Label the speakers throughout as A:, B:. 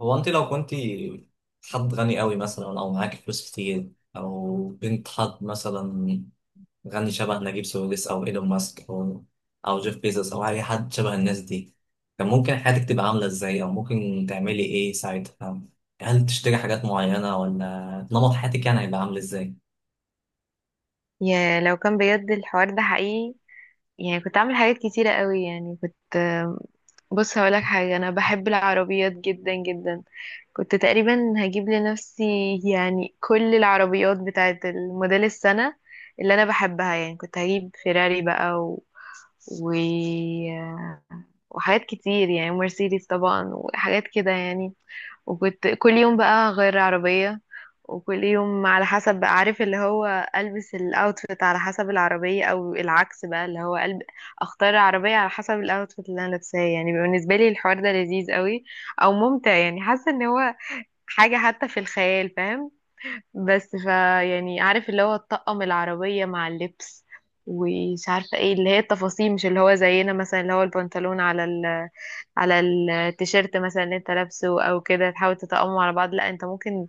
A: هو انت لو كنت حد غني قوي مثلا او معاكي فلوس كتير او بنت حد مثلا غني شبه نجيب ساويرس او ايلون ماسك او جيف بيزوس او اي حد شبه الناس دي، كان ممكن حياتك تبقى عامله ازاي او ممكن تعملي ايه ساعتها؟ هل تشتري حاجات معينه ولا نمط حياتك يعني هيبقى عامل ازاي؟
B: يا لو كان بجد الحوار ده حقيقي، يعني كنت اعمل حاجات كتيرة قوي. يعني بص هقولك حاجة، انا بحب العربيات جدا جدا. كنت تقريبا هجيب لنفسي يعني كل العربيات بتاعة الموديل السنة اللي انا بحبها. يعني كنت هجيب فيراري بقى و... وحاجات كتير، يعني مرسيدس طبعا وحاجات كده يعني. وكنت كل يوم بقى غير عربية، وكل يوم على حسب بقى عارف اللي هو ألبس الأوتفيت على حسب العربية، أو العكس بقى اللي هو قلب أختار العربية على حسب الأوتفيت اللي أنا لابساه. يعني بالنسبة لي الحوار ده لذيذ قوي أو ممتع، يعني حاسة إن هو حاجة حتى في الخيال، فاهم؟ بس فا يعني عارف اللي هو تطقم العربية مع اللبس، ومش عارفة ايه اللي هي التفاصيل، مش اللي هو زينا مثلا اللي هو البنطلون على ال، على التيشيرت مثلا اللي انت لابسه او كده تحاول تتقموا على بعض. لا انت ممكن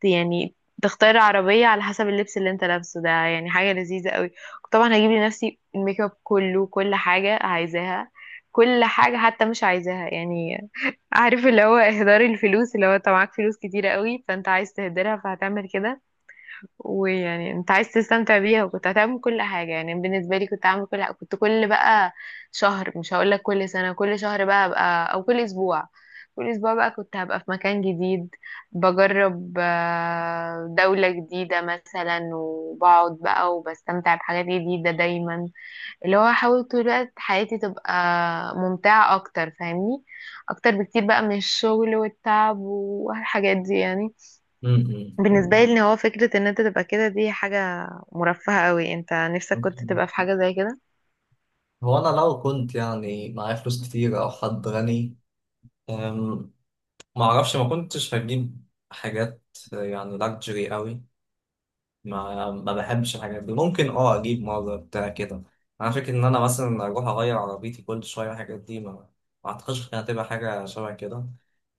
B: يعني تختار عربية على حسب اللبس اللي انت لابسه، ده يعني حاجة لذيذة قوي. طبعا هجيب لنفسي الميك اب كله، كل حاجة عايزاها، كل حاجة حتى مش عايزاها. يعني عارف اللي هو اهدار الفلوس، اللي هو انت معاك فلوس كتيرة قوي فانت عايز تهدرها فهتعمل كده. ويعني انت عايز تستمتع بيها، وكنت هتعمل كل حاجة. يعني بالنسبة لي كنت هعمل كل حاجة، كنت كل بقى شهر، مش هقول لك كل سنة، كل شهر بقى هبقى، او كل اسبوع، كل اسبوع بقى كنت هبقى في مكان جديد، بجرب دولة جديدة مثلا، وبقعد بقى وبستمتع بحاجات جديدة دايما. اللي هو احاول طول الوقت حياتي تبقى ممتعة اكتر، فاهمني؟ اكتر بكتير بقى من الشغل والتعب والحاجات دي. يعني
A: م-
B: بالنسبة لي ان هو فكرة ان انت تبقى كده، دي حاجة مرفهة قوي، انت نفسك كنت
A: م.
B: تبقى في حاجة زي كده.
A: هو انا لو كنت يعني معايا فلوس كتير او حد غني، أم، ما اعرفش، ما كنتش هجيب حاجات يعني لاكجري قوي. ما بحبش الحاجات دي، ممكن اه اجيب ماجا بتاع كده. انا فاكر ان انا مثلا اروح اغير عربيتي كل شويه الحاجات دي، ما اعتقدش كانت هتبقى حاجه شبه كده.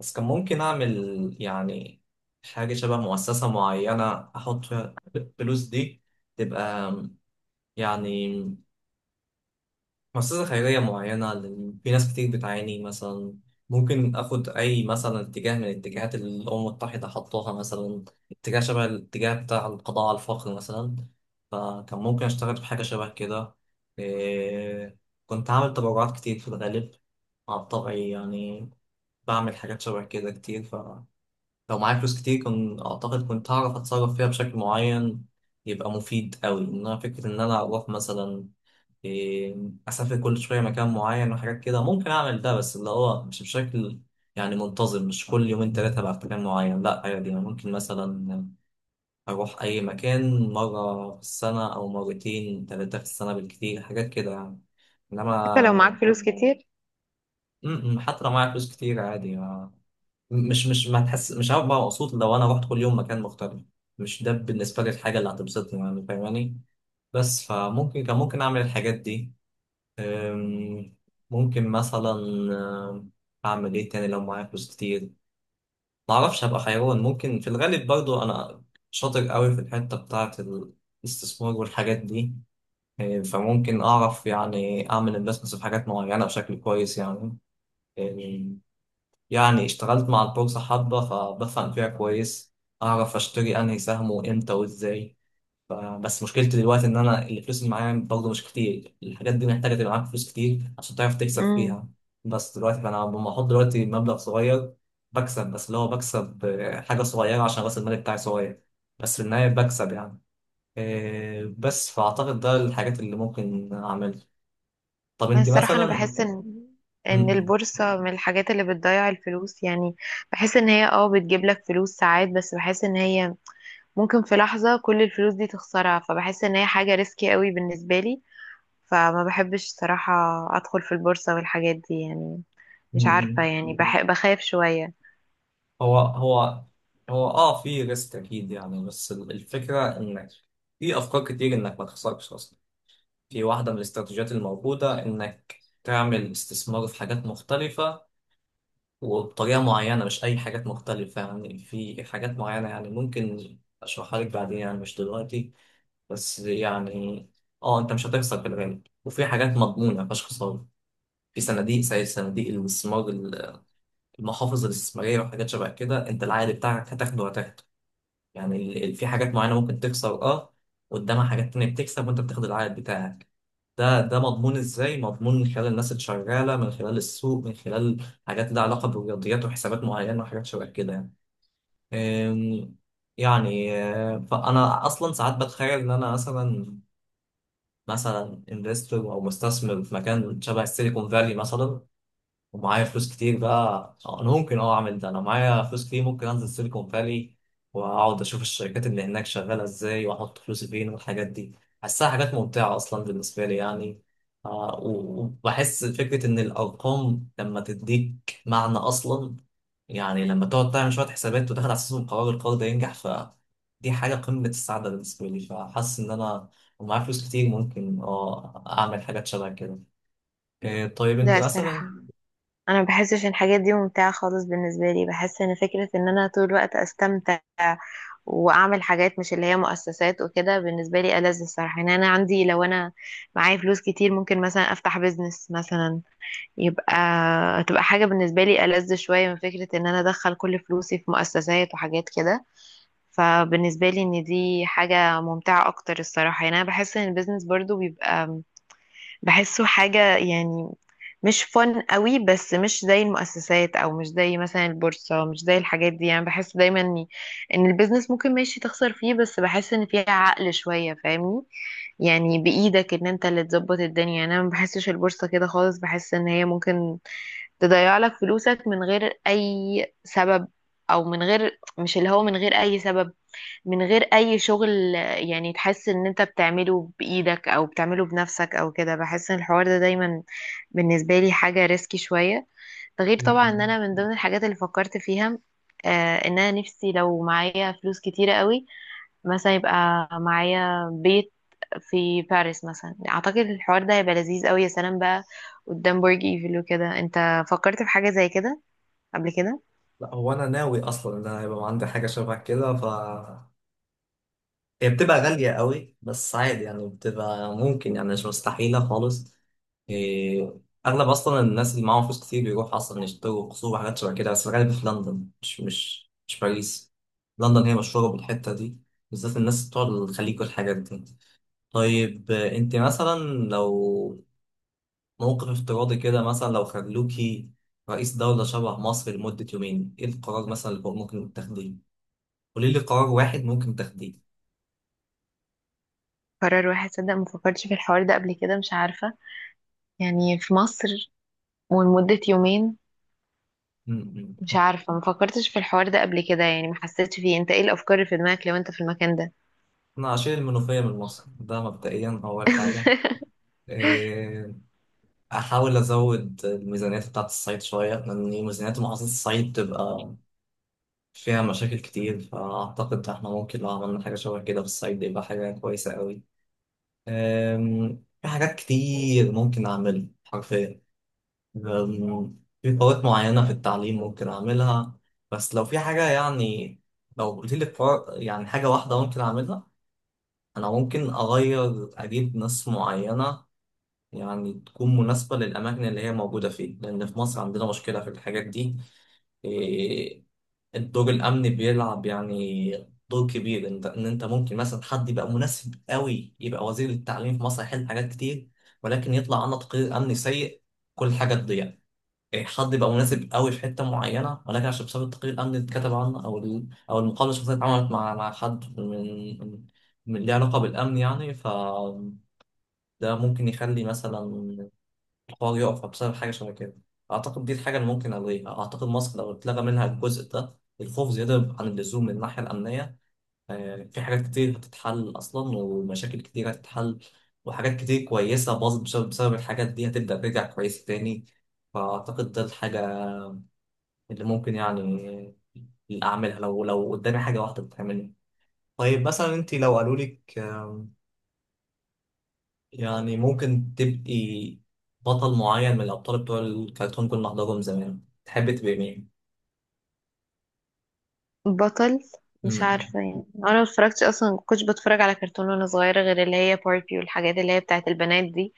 A: بس كان ممكن اعمل يعني حاجه شبه مؤسسه معينه احط فيها الفلوس دي، تبقى يعني مؤسسة خيرية معينة، لأن في ناس كتير بتعاني مثلا. ممكن آخد أي مثلا اتجاه من الاتجاهات اللي الأمم المتحدة حطوها مثلا، اتجاه شبه الاتجاه بتاع القضاء على الفقر مثلا، فكان ممكن أشتغل في حاجة شبه كده. إيه، كنت عامل تبرعات كتير في الغالب على طبعي يعني، بعمل حاجات شبه كده كتير. فلو معايا فلوس كتير كنت أعتقد كنت هعرف أتصرف فيها بشكل معين يبقى مفيد أوي. إنما فكرة إن أنا أروح مثلا، إيه، اسافر كل شويه مكان معين وحاجات كده، ممكن اعمل ده بس اللي هو مش بشكل يعني منتظم، مش كل يومين ثلاثه بقى في مكان معين، لا عادي يعني ممكن مثلا اروح اي مكان مره في السنه او مرتين ثلاثه في السنه بالكتير حاجات كده يعني.
B: حتى لو معاك
A: انما
B: فلوس كتير.
A: م- م، حتى لو معايا فلوس كتير عادي، مش ما تحس مش عارف بقى مبسوط لو انا رحت كل يوم مكان مختلف، مش ده بالنسبه لي الحاجه اللي هتبسطني يعني فاهماني. بس فممكن كان ممكن اعمل الحاجات دي. أم، ممكن مثلا، أم، أعمل إيه تاني لو معايا فلوس كتير؟ معرفش. هبقى حيوان ممكن في الغالب، برضو أنا شاطر قوي في الحتة بتاعة الاستثمار والحاجات دي. فممكن أعرف يعني أعمل انفستمنتس في حاجات معينة بشكل كويس يعني. أم، يعني اشتغلت مع البورصة حبة فبفهم فيها كويس، أعرف أشتري أنهي سهم وإمتى وإزاي. بس مشكلتي دلوقتي ان انا الفلوس اللي معايا برضه مش كتير، الحاجات دي محتاجه تبقى معاك فلوس كتير عشان تعرف تكسب
B: امم
A: فيها. بس دلوقتي فانا لما احط دلوقتي مبلغ صغير بكسب، بس اللي هو بكسب حاجه صغيره عشان راس المال بتاعي صغير، بس في النهايه بكسب يعني. بس فاعتقد ده الحاجات اللي ممكن اعملها. طب انت
B: الصراحة انا
A: مثلا؟
B: بحس ان
A: م- م-
B: البورصة من الحاجات اللي بتضيع الفلوس. يعني بحس ان هي اه بتجيب لك فلوس ساعات، بس بحس ان هي ممكن في لحظة كل الفلوس دي تخسرها، فبحس ان هي حاجة ريسكي قوي بالنسبة لي. فما بحبش صراحة ادخل في البورصة والحاجات دي يعني.
A: م-
B: مش عارفة،
A: م.
B: يعني بحب بخاف شوية.
A: هو هو اه في ريسك اكيد يعني، بس الفكره انك في افكار كتير انك ما تخسرش اصلا. في واحدة من الاستراتيجيات الموجودة إنك تعمل استثمار في حاجات مختلفة وبطريقة معينة، مش أي حاجات مختلفة يعني، في حاجات معينة يعني ممكن أشرحها لك بعدين يعني مش دلوقتي. بس يعني أه، أنت مش هتخسر في الغالب، وفي حاجات مضمونة مفيهاش خسارة، في صناديق زي صناديق الاستثمار، المحافظ الاستثمارية وحاجات شبه كده، أنت العائد بتاعك هتاخده وهتاخده. يعني في حاجات معينة ممكن تخسر اه، قدامها حاجات تانية بتكسب وانت بتاخد العائد بتاعك. ده مضمون ازاي؟ مضمون من خلال الناس اللي شغالة، من خلال السوق، من خلال حاجات لها علاقة بالرياضيات وحسابات معينة وحاجات شبه كده يعني. أم، يعني فأنا أصلا ساعات بتخيل إن أنا مثلا، مثلا انفستور أو مستثمر في مكان شبه السيليكون فالي مثلا ومعايا فلوس كتير بقى. انا ممكن اه اعمل ده، انا معايا فلوس كتير ممكن انزل سيليكون فالي واقعد اشوف الشركات اللي هناك شغاله ازاي واحط فلوسي فين والحاجات دي، بحسها حاجات ممتعه اصلا بالنسبه لي يعني. آه، وبحس فكره ان الارقام لما تديك معنى اصلا، يعني لما تقعد تعمل شويه حسابات وتاخد على اساسهم قرار، القرار ده ينجح، فدي حاجه قمه السعاده بالنسبه لي. فحاسس ان انا ومعايا فلوس كتير ممكن اه اعمل حاجات شبه كده. إيه، طيب انت
B: لا الصراحة،
A: مثلا؟
B: انا ما بحسش ان الحاجات دي ممتعه خالص بالنسبه لي. بحس ان فكره ان انا طول الوقت استمتع واعمل حاجات مش اللي هي مؤسسات وكده، بالنسبه لي ألذ الصراحه. يعني انا عندي لو انا معايا فلوس كتير ممكن مثلا افتح بيزنس مثلا، يبقى تبقى حاجه بالنسبه لي ألذ شويه من فكره ان انا ادخل كل فلوسي في مؤسسات وحاجات كده. فبالنسبه لي ان دي حاجه ممتعه اكتر الصراحه. يعني انا بحس ان البيزنس برضو بيبقى، بحسه حاجة يعني مش فن قوي، بس مش زي المؤسسات او مش زي مثلا البورصة، مش زي الحاجات دي. يعني بحس دايما ان إن البيزنس ممكن ماشي تخسر فيه، بس بحس ان فيها عقل شوية، فاهمني؟ يعني بايدك ان انت اللي تظبط الدنيا. يعني انا ما بحسش البورصة كده خالص، بحس ان هي ممكن تضيع لك فلوسك من غير اي سبب، او من غير، مش اللي هو، من غير اي سبب، من غير اي شغل. يعني تحس ان انت بتعمله بايدك او بتعمله بنفسك او كده. بحس ان الحوار ده دايما بالنسبة لي حاجة ريسكي شوية. ده غير طبعا ان انا من ضمن الحاجات اللي فكرت فيها، ان انا نفسي لو معايا فلوس كتيرة قوي، مثلا يبقى معايا بيت في باريس مثلا. اعتقد الحوار ده هيبقى لذيذ قوي. يا سلام بقى، قدام برج ايفل وكده. انت فكرت في حاجة زي كده قبل كده؟
A: لا هو انا ناوي اصلا ان انا يبقى عندي حاجه شبه كده، ف هي بتبقى غاليه قوي بس عادي يعني، بتبقى ممكن يعني مش مستحيله خالص. إيه، اغلب اصلا الناس اللي معاهم فلوس كتير بيروحوا اصلا يشتروا قصور وحاجات شبه كده، بس غالبا في لندن مش باريس. لندن هي مشهوره بالحته دي، بالذات الناس بتوع الخليج والحاجات دي. طيب آه، انت مثلا لو موقف افتراضي كده مثلا، لو خلوكي رئيس دولة شبه مصر لمدة يومين، ايه القرار مثلا اللي ممكن تاخديه؟ قولي لي قرار واحد ممكن تاخديه.
B: قرار واحد، صدق ما فكرتش في الحوار ده قبل كده، مش عارفة. يعني في مصر ولمدة يومين.
A: م-م.
B: مش عارفة، ما فكرتش في الحوار ده قبل كده، يعني ما حسيتش فيه. انت ايه الافكار اللي في دماغك لو انت في المكان ده؟
A: انا اشيل المنوفيه من مصر، ده مبدئيا اول حاجه. إيه، احاول ازود الميزانيات بتاعت الصعيد شويه لان ميزانيات محافظه الصعيد بتبقى فيها مشاكل كتير، فاعتقد احنا ممكن لو عملنا حاجه شبه كده في الصعيد يبقى حاجه كويسه قوي. في حاجات كتير ممكن اعملها حرفيا، في قوات معينه في التعليم ممكن اعملها. بس لو في حاجه يعني، لو قلت لي يعني حاجه واحده ممكن اعملها، انا ممكن اغير، اجيب ناس معينه يعني تكون مناسبه للاماكن اللي هي موجوده فيه، لان في مصر عندنا مشكله في الحاجات دي. إيه، الدور الامني بيلعب يعني دور كبير، انت ان انت ممكن مثلا حد يبقى مناسب قوي يبقى وزير التعليم في مصر يحل حاجات كتير، ولكن يطلع عنه تقرير امني سيء، كل حاجه تضيع. إيه، حد يبقى مناسب قوي في حته معينه ولكن عشان بسبب التقرير الامني اللي اتكتب عنه او او المقابله الشخصيه اللي اتعملت مع حد من من من ليه علاقه بالامن يعني، ف ده ممكن يخلي مثلا الحوار يقف بسبب حاجه شبه كده. اعتقد دي الحاجه اللي ممكن الغيها، اعتقد مصر لو اتلغى منها الجزء ده، الخوف زياده عن اللزوم من الناحيه الامنيه، آه، في حاجات كتير هتتحل اصلا ومشاكل كتير هتتحل، وحاجات كتير كويسه باظت بسبب الحاجات دي هتبدا ترجع كويسه تاني. فاعتقد ده الحاجه اللي ممكن يعني اللي اعملها لو قدامي حاجه واحده بتعملها. طيب مثلا انت لو قالوا لك يعني ممكن تبقي بطل معين من الابطال بتوع الكرتون كنا بنحضرهم زمان، تحبي تبقي مين؟
B: بطل، مش
A: مم.
B: عارفة. يعني انا ما اتفرجتش اصلا، ما كنتش بتفرج على كرتون وانا صغيرة، غير اللي هي باربي والحاجات اللي هي بتاعت البنات دي.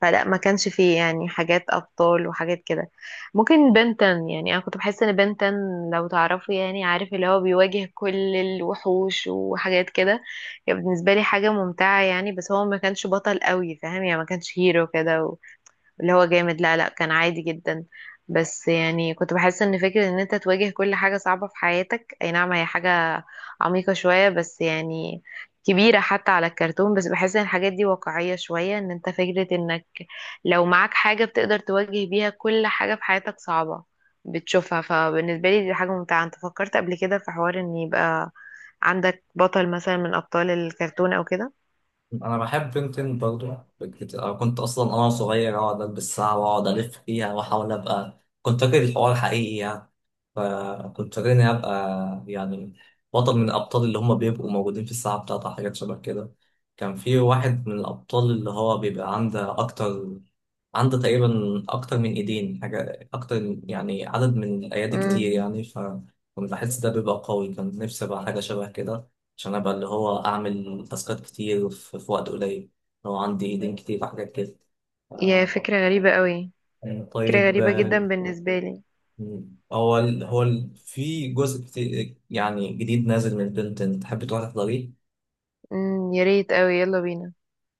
B: فلا، ما كانش فيه يعني حاجات ابطال وحاجات كده. ممكن بنتن، يعني انا كنت بحس ان بنتن، لو تعرفوا يعني، عارف اللي هو بيواجه كل الوحوش وحاجات كده. يعني بالنسبة لي حاجة ممتعة. يعني بس هو ما كانش بطل قوي، فاهم؟ يعني ما كانش هيرو كده اللي هو جامد. لا لا، كان عادي جدا. بس يعني كنت بحس ان فكرة ان انت تواجه كل حاجة صعبة في حياتك، اي نعم هي حاجة عميقة شوية، بس يعني كبيرة حتى على الكرتون. بس بحس ان الحاجات دي واقعية شوية، ان انت فكرة انك لو معاك حاجة بتقدر تواجه بيها كل حاجة في حياتك صعبة بتشوفها، فبالنسبة لي دي حاجة ممتعة. انت فكرت قبل كده في حوار ان يبقى عندك بطل مثلا من ابطال الكرتون او كده؟
A: انا بحب بنتين برضو، أنا كنت اصلا انا صغير اقعد البس ساعة واقعد الف فيها واحاول ابقى، كنت فاكر الحوار حقيقي يعني، فكنت فاكر اني ابقى يعني بطل من الابطال اللي هم بيبقوا موجودين في الساعة بتاعتها حاجات شبه كده. كان في واحد من الابطال اللي هو بيبقى عنده اكتر، عنده تقريبا اكتر من ايدين، حاجة اكتر يعني، عدد من الايادي كتير
B: امم
A: يعني، فكنت بحس ده بيبقى قوي، كان نفسي ابقى حاجة شبه كده، عشان ابقى اللي هو اعمل تاسكات كتير في وقت قليل لو عندي ايدين كتير في حاجات كده.
B: يا
A: آه،
B: فكرة غريبة قوي.
A: يعني
B: فكرة
A: طيب
B: غريبة جدا
A: آه،
B: بالنسبة لي.
A: في جزء كتير يعني جديد نازل من البنتن، تحب تروح تحضريه؟
B: يا ريت قوي، يلا بينا.